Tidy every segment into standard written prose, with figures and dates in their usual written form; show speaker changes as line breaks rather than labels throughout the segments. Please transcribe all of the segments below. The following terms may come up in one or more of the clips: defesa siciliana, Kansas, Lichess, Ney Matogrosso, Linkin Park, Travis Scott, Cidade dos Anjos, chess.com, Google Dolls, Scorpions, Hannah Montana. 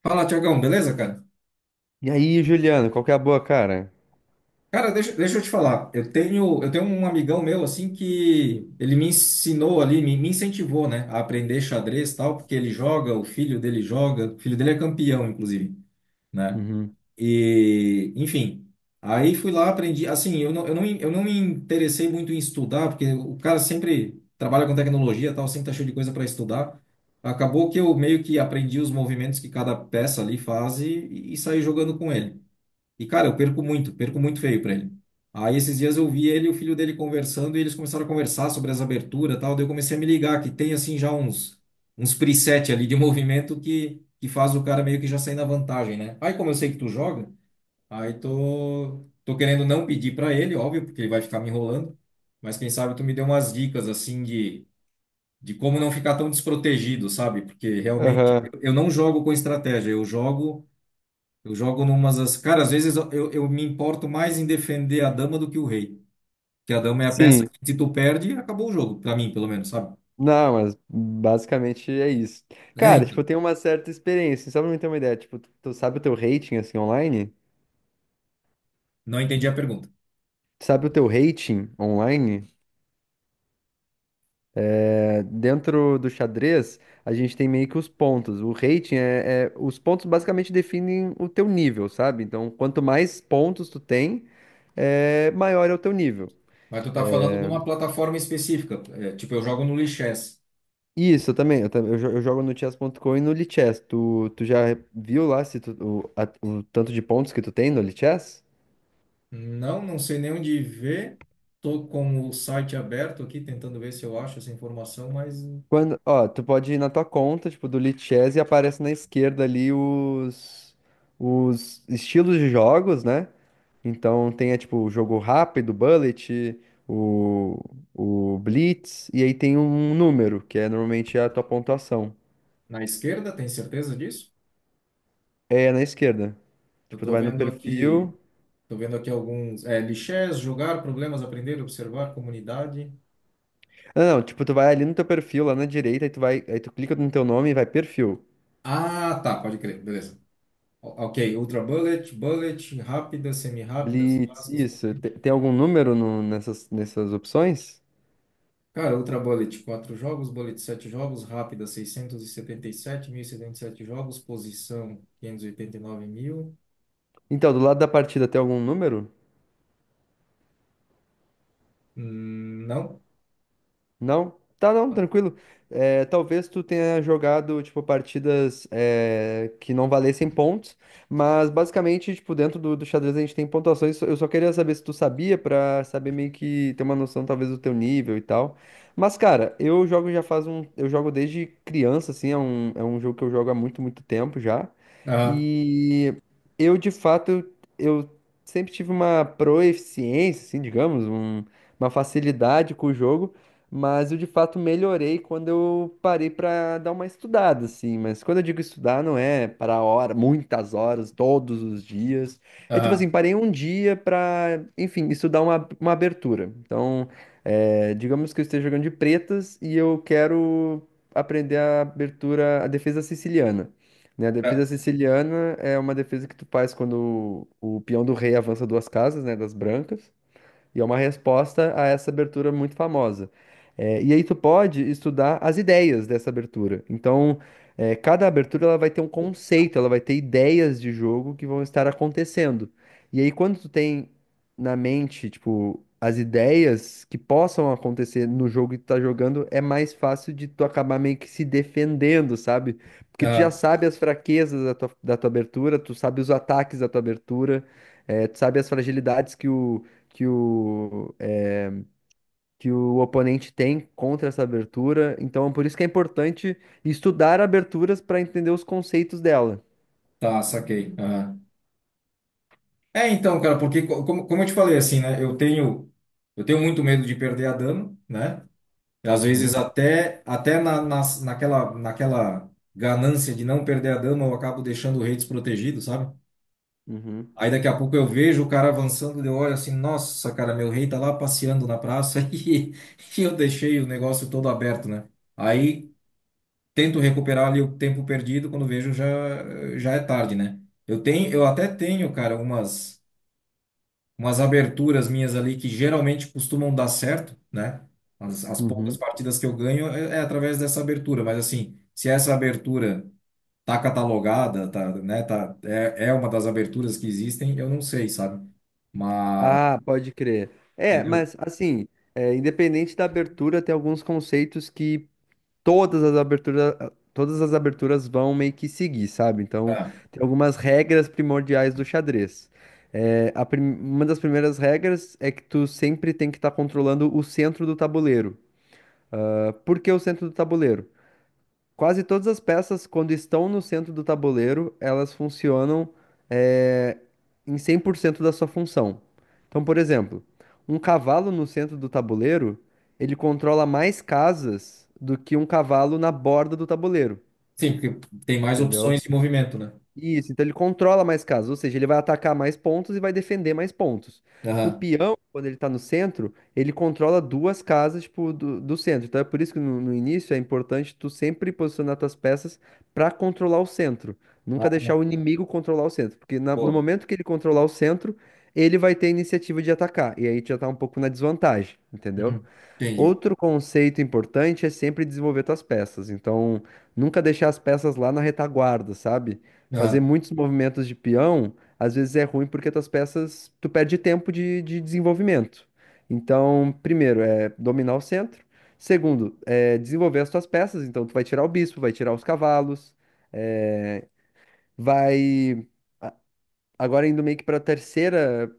Fala, Tiagão, beleza, cara?
E aí, Juliano, qual que é a boa, cara?
Cara, deixa eu te falar. Eu tenho um amigão meu, assim, que ele me ensinou ali, me incentivou, né, a aprender xadrez e tal, porque ele joga, o filho dele joga, o filho dele é campeão, inclusive, né?
Uhum.
E, enfim, aí fui lá, aprendi. Assim, eu não me interessei muito em estudar, porque o cara sempre trabalha com tecnologia e tal, sempre tá cheio de coisa para estudar. Acabou que eu meio que aprendi os movimentos que cada peça ali faz e saí jogando com ele. E, cara, eu perco muito feio pra ele. Aí esses dias eu vi ele e o filho dele conversando e eles começaram a conversar sobre as aberturas e tal. Daí eu comecei a me ligar que tem assim já uns preset ali de movimento que faz o cara meio que já sair na vantagem, né? Aí como eu sei que tu joga, aí tô querendo não pedir pra ele, óbvio, porque ele vai ficar me enrolando. Mas quem sabe tu me deu umas dicas assim de como não ficar tão desprotegido, sabe? Porque realmente
Aham.
eu não jogo com estratégia, eu jogo. Eu jogo numas. Cara, às vezes eu me importo mais em defender a dama do que o rei. Porque a dama é a peça
Sim.
que, se tu perde, acabou o jogo, pra mim, pelo menos, sabe?
Não, mas basicamente é isso.
É,
Cara, tipo, eu
então.
tenho uma certa experiência, só pra me ter uma ideia, tipo, tu sabe o teu rating, assim, online?
Não entendi a pergunta.
Tu sabe o teu rating online? É, dentro do xadrez, a gente tem meio que os pontos. O rating Os pontos basicamente definem o teu nível, sabe? Então, quanto mais pontos tu tem, é, maior é o teu nível.
Mas tu tá falando de uma plataforma específica. É, tipo, eu jogo no Lichess.
Isso, eu também. Eu, tam- eu jo- eu jogo no chess.com e no Lichess. Tu já viu lá se o tanto de pontos que tu tem no Lichess?
Não, não sei nem onde ver. Tô com o site aberto aqui, tentando ver se eu acho essa informação, mas
Quando, ó, tu pode ir na tua conta, tipo, do Lichess e aparece na esquerda ali os estilos de jogos, né? Então tem, é, tipo, o jogo rápido, bullet, o, o blitz, e aí tem um número, que é normalmente a tua pontuação.
na esquerda, tem certeza disso?
É na esquerda.
Eu
Tipo, tu
tô
vai no
vendo aqui.
perfil.
Tô vendo aqui alguns. É, Lichess, jogar, problemas, aprender, observar, comunidade.
Não, não, tipo, tu vai ali no teu perfil, lá na direita, aí tu clica no teu nome e vai perfil.
Ah, tá, pode crer, beleza. Ok, Ultra Bullet, Bullet, rápidas, semi-rápidas,
Blitz,
clássicas,
isso.
favoritas.
Tem, algum número nessas opções?
Cara, Ultra Bullet, 4 jogos, Bullet 7 jogos, rápida seiscentos e setenta sete mil e setenta e sete jogos, posição 589 mil.
Então, do lado da partida tem algum número?
Não?
Não? Tá, não, tranquilo. É, talvez tu tenha jogado, tipo, partidas que não valessem pontos, mas basicamente, tipo, dentro do xadrez a gente tem pontuações. Eu só queria saber se tu sabia, pra saber meio que ter uma noção, talvez, do teu nível e tal. Mas, cara, eu jogo já faz um... Eu jogo desde criança, assim, é é um jogo que eu jogo há muito, muito tempo já.
Aham,
E eu, de fato, eu sempre tive uma proeficiência, assim, digamos, uma facilidade com o jogo. Mas eu de fato melhorei quando eu parei para dar uma estudada, assim. Mas quando eu digo estudar, não é para hora, muitas horas, todos os dias. É tipo
aham,
assim, parei um dia para enfim, estudar uma abertura. Então, é, digamos que eu esteja jogando de pretas e eu quero aprender a abertura, a defesa siciliana. Né? A
ah,
defesa siciliana é uma defesa que tu faz quando o peão do rei avança duas casas, né, das brancas. E é uma resposta a essa abertura muito famosa. É, e aí tu pode estudar as ideias dessa abertura. Então, é, cada abertura ela vai ter um conceito, ela vai ter ideias de jogo que vão estar acontecendo. E aí, quando tu tem na mente, tipo, as ideias que possam acontecer no jogo que tu tá jogando, é mais fácil de tu acabar meio que se defendendo, sabe? Porque tu já
ah,
sabe as fraquezas da tua abertura, tu sabe os ataques da tua abertura, é, tu sabe as fragilidades que o, é, que o oponente tem contra essa abertura. Então, por isso que é importante estudar aberturas para entender os conceitos dela.
tá, saquei. Aham. É, então, cara, porque como eu te falei, assim, né, eu tenho muito medo de perder a dama, né? Às vezes
Uhum,
até naquela ganância de não perder a dama, eu acabo deixando o rei desprotegido, sabe?
uhum,
Aí daqui a pouco eu vejo o cara avançando, eu olho assim, nossa, cara, meu rei tá lá passeando na praça e eu deixei o negócio todo aberto, né? Aí tento recuperar ali o tempo perdido, quando vejo já é tarde, né? Eu tenho, eu até tenho, cara, umas aberturas minhas ali que geralmente costumam dar certo, né? As, uhum, poucas
uhum.
partidas que eu ganho é através dessa abertura, mas assim, se essa abertura tá catalogada, tá, né, tá, é uma das aberturas que existem, eu não sei, sabe? Mas,
Ah, pode crer. É,
entendeu?
mas assim, é, independente da abertura, tem alguns conceitos que todas as aberturas, todas as aberturas vão meio que seguir, sabe? Então,
É.
tem algumas regras primordiais do xadrez. É, uma das primeiras regras é que tu sempre tem que estar controlando o centro do tabuleiro. Por que o centro do tabuleiro? Quase todas as peças, quando estão no centro do tabuleiro, elas funcionam eh, em 100% da sua função. Então, por exemplo, um cavalo no centro do tabuleiro, ele controla mais casas do que um cavalo na borda do tabuleiro,
Sim, porque tem mais opções
entendeu?
de movimento, né?
Isso, então ele controla mais casas, ou seja, ele vai atacar mais pontos e vai defender mais pontos. O
Aham.
peão, quando ele tá no centro, ele controla duas casas, tipo, do centro. Então é por isso que no início é importante tu sempre posicionar tuas peças pra controlar o centro. Nunca
Ah,
deixar o inimigo controlar o centro, porque no
boa.
momento que ele controlar o centro, ele vai ter a iniciativa de atacar, e aí tu já tá um pouco na desvantagem, entendeu?
Uhum. Entendi.
Outro conceito importante é sempre desenvolver tuas peças. Então, nunca deixar as peças lá na retaguarda, sabe? Fazer
Aham.
muitos movimentos de peão, às vezes é ruim porque tuas peças, tu perde tempo de desenvolvimento. Então, primeiro é dominar o centro. Segundo, é desenvolver as tuas peças. Então, tu vai tirar o bispo, vai tirar os cavalos, é, vai. a- Agora indo meio que para a terceira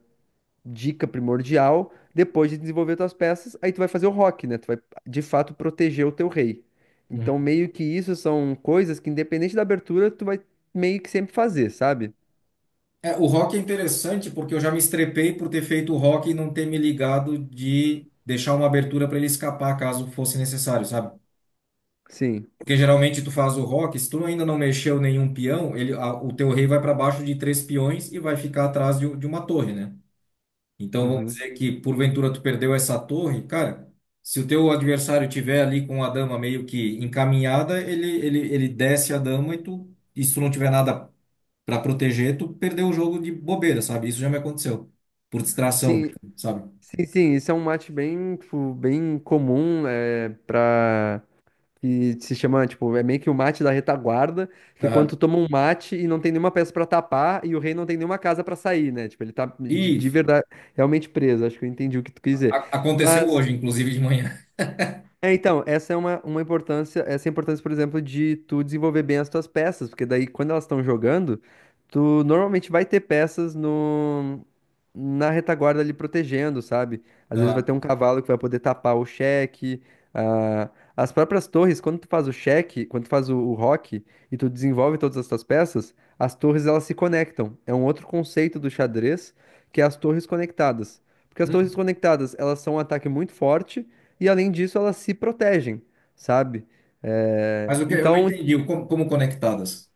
dica primordial, depois de desenvolver tuas peças, aí tu vai fazer o rock, né? Tu vai de fato proteger o teu rei. Então,
Uhum.
meio que isso são coisas que, independente da abertura, tu vai meio que sempre fazer, sabe?
É, o rock é interessante porque eu já me estrepei por ter feito o rock e não ter me ligado de deixar uma abertura para ele escapar caso fosse necessário, sabe?
Sim.
Porque geralmente tu faz o rock, se tu ainda não mexeu nenhum peão, o teu rei vai para baixo de três peões e vai ficar atrás de uma torre, né? Então vamos
Uhum.
dizer que porventura tu perdeu essa torre, cara, se o teu adversário tiver ali com a dama meio que encaminhada, ele desce a dama e se tu não tiver nada para proteger, tu perdeu o jogo de bobeira, sabe? Isso já me aconteceu. Por distração,
Sim,
mesmo, sabe?
sim, sim. Isso é um mate bem, tipo, bem comum, é, para que se chama, tipo, é meio que o mate da retaguarda, que é quando
Aham.
tu toma um mate e não tem nenhuma peça pra tapar e o rei não tem nenhuma casa pra sair, né? Tipo, ele tá
E
de
isso
verdade realmente preso. Acho que eu entendi o que tu quis dizer.
aconteceu
Mas
hoje, inclusive de manhã.
é, então, essa é uma importância, essa é a importância, por exemplo, de tu desenvolver bem as tuas peças, porque daí quando elas estão jogando, tu normalmente vai ter peças no, na retaguarda ali protegendo, sabe? Às vezes vai
Aham.
ter um cavalo que vai poder tapar o cheque, ah, as próprias torres, quando tu faz o cheque, quando tu faz o roque e tu desenvolve todas as tuas peças, as torres elas se conectam. É um outro conceito do xadrez, que é as torres conectadas. Porque as torres
Hum.
conectadas, elas são um ataque muito forte, e além disso elas se protegem, sabe? É,
Mas o que eu não
então,
entendi, o como conectadas?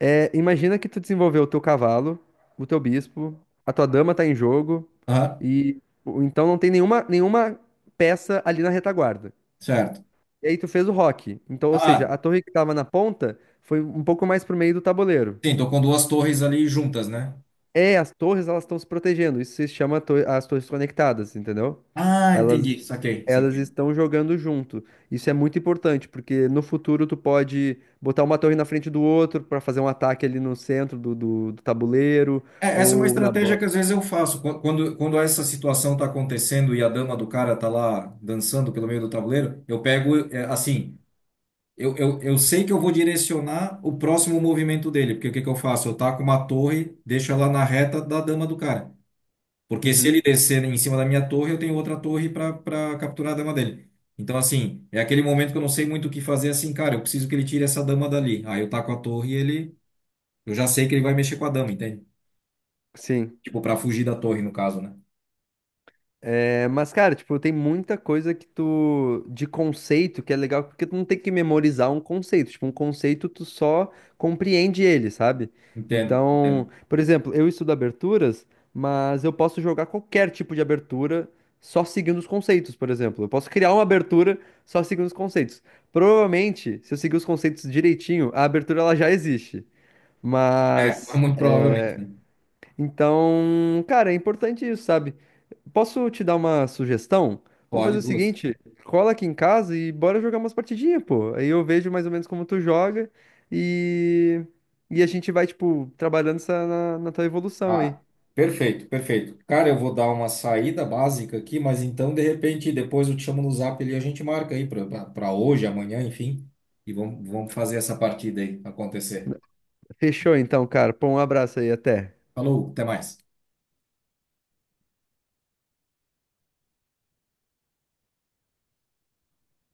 é, imagina que tu desenvolveu o teu cavalo, o teu bispo, a tua dama tá em jogo
Aham.
então não tem nenhuma peça ali na retaguarda.
Certo.
E aí tu fez o rock. Então, ou seja,
Ah,
a torre que tava na ponta foi um pouco mais pro meio do tabuleiro.
sim, tô com duas torres ali juntas, né?
É, as torres elas estão se protegendo. Isso se chama as torres conectadas, entendeu?
Ah, entendi.
Elas
Saquei,
elas
saquei.
estão jogando junto. Isso é muito importante, porque no futuro tu pode botar uma torre na frente do outro para fazer um ataque ali no centro do tabuleiro
É, essa é uma
ou na
estratégia que
borda.
às vezes eu faço. Quando essa situação tá acontecendo e a dama do cara tá lá dançando pelo meio do tabuleiro, eu pego, é, assim, Eu sei que eu vou direcionar o próximo movimento dele, porque o que que eu faço? Eu taco uma torre, deixo ela na reta da dama do cara. Porque se ele
Uhum,
descer em cima da minha torre, eu tenho outra torre para capturar a dama dele. Então, assim, é aquele momento que eu não sei muito o que fazer, assim, cara, eu preciso que ele tire essa dama dali. Aí eu taco a torre e ele. Eu já sei que ele vai mexer com a dama, entende?
Sim.
Tipo, para fugir da torre, no caso, né?
É, mas, cara, tipo, tem muita coisa que tu, de conceito, que é legal, porque tu não tem que memorizar um conceito. Tipo, um conceito tu só compreende ele, sabe?
Entendo,
Então,
entendo.
por exemplo, eu estudo aberturas, mas eu posso jogar qualquer tipo de abertura só seguindo os conceitos, por exemplo. Eu posso criar uma abertura só seguindo os conceitos. Provavelmente, se eu seguir os conceitos direitinho, a abertura ela já existe.
É, mas
Mas,
muito provavelmente, né?
então, cara, é importante isso, sabe? Posso te dar uma sugestão? Vamos fazer
Pode
o
duas.
seguinte, cola aqui em casa e bora jogar umas partidinhas, pô. Aí eu vejo mais ou menos como tu joga e, e a gente vai, tipo, trabalhando essa na tua evolução aí.
Ah, perfeito, perfeito. Cara, eu vou dar uma saída básica aqui, mas então, de repente, depois eu te chamo no Zap ali e a gente marca aí para hoje, amanhã, enfim, e vamos fazer essa partida aí acontecer.
Fechou então, cara. Pô, um abraço aí, até.
Falou, até mais.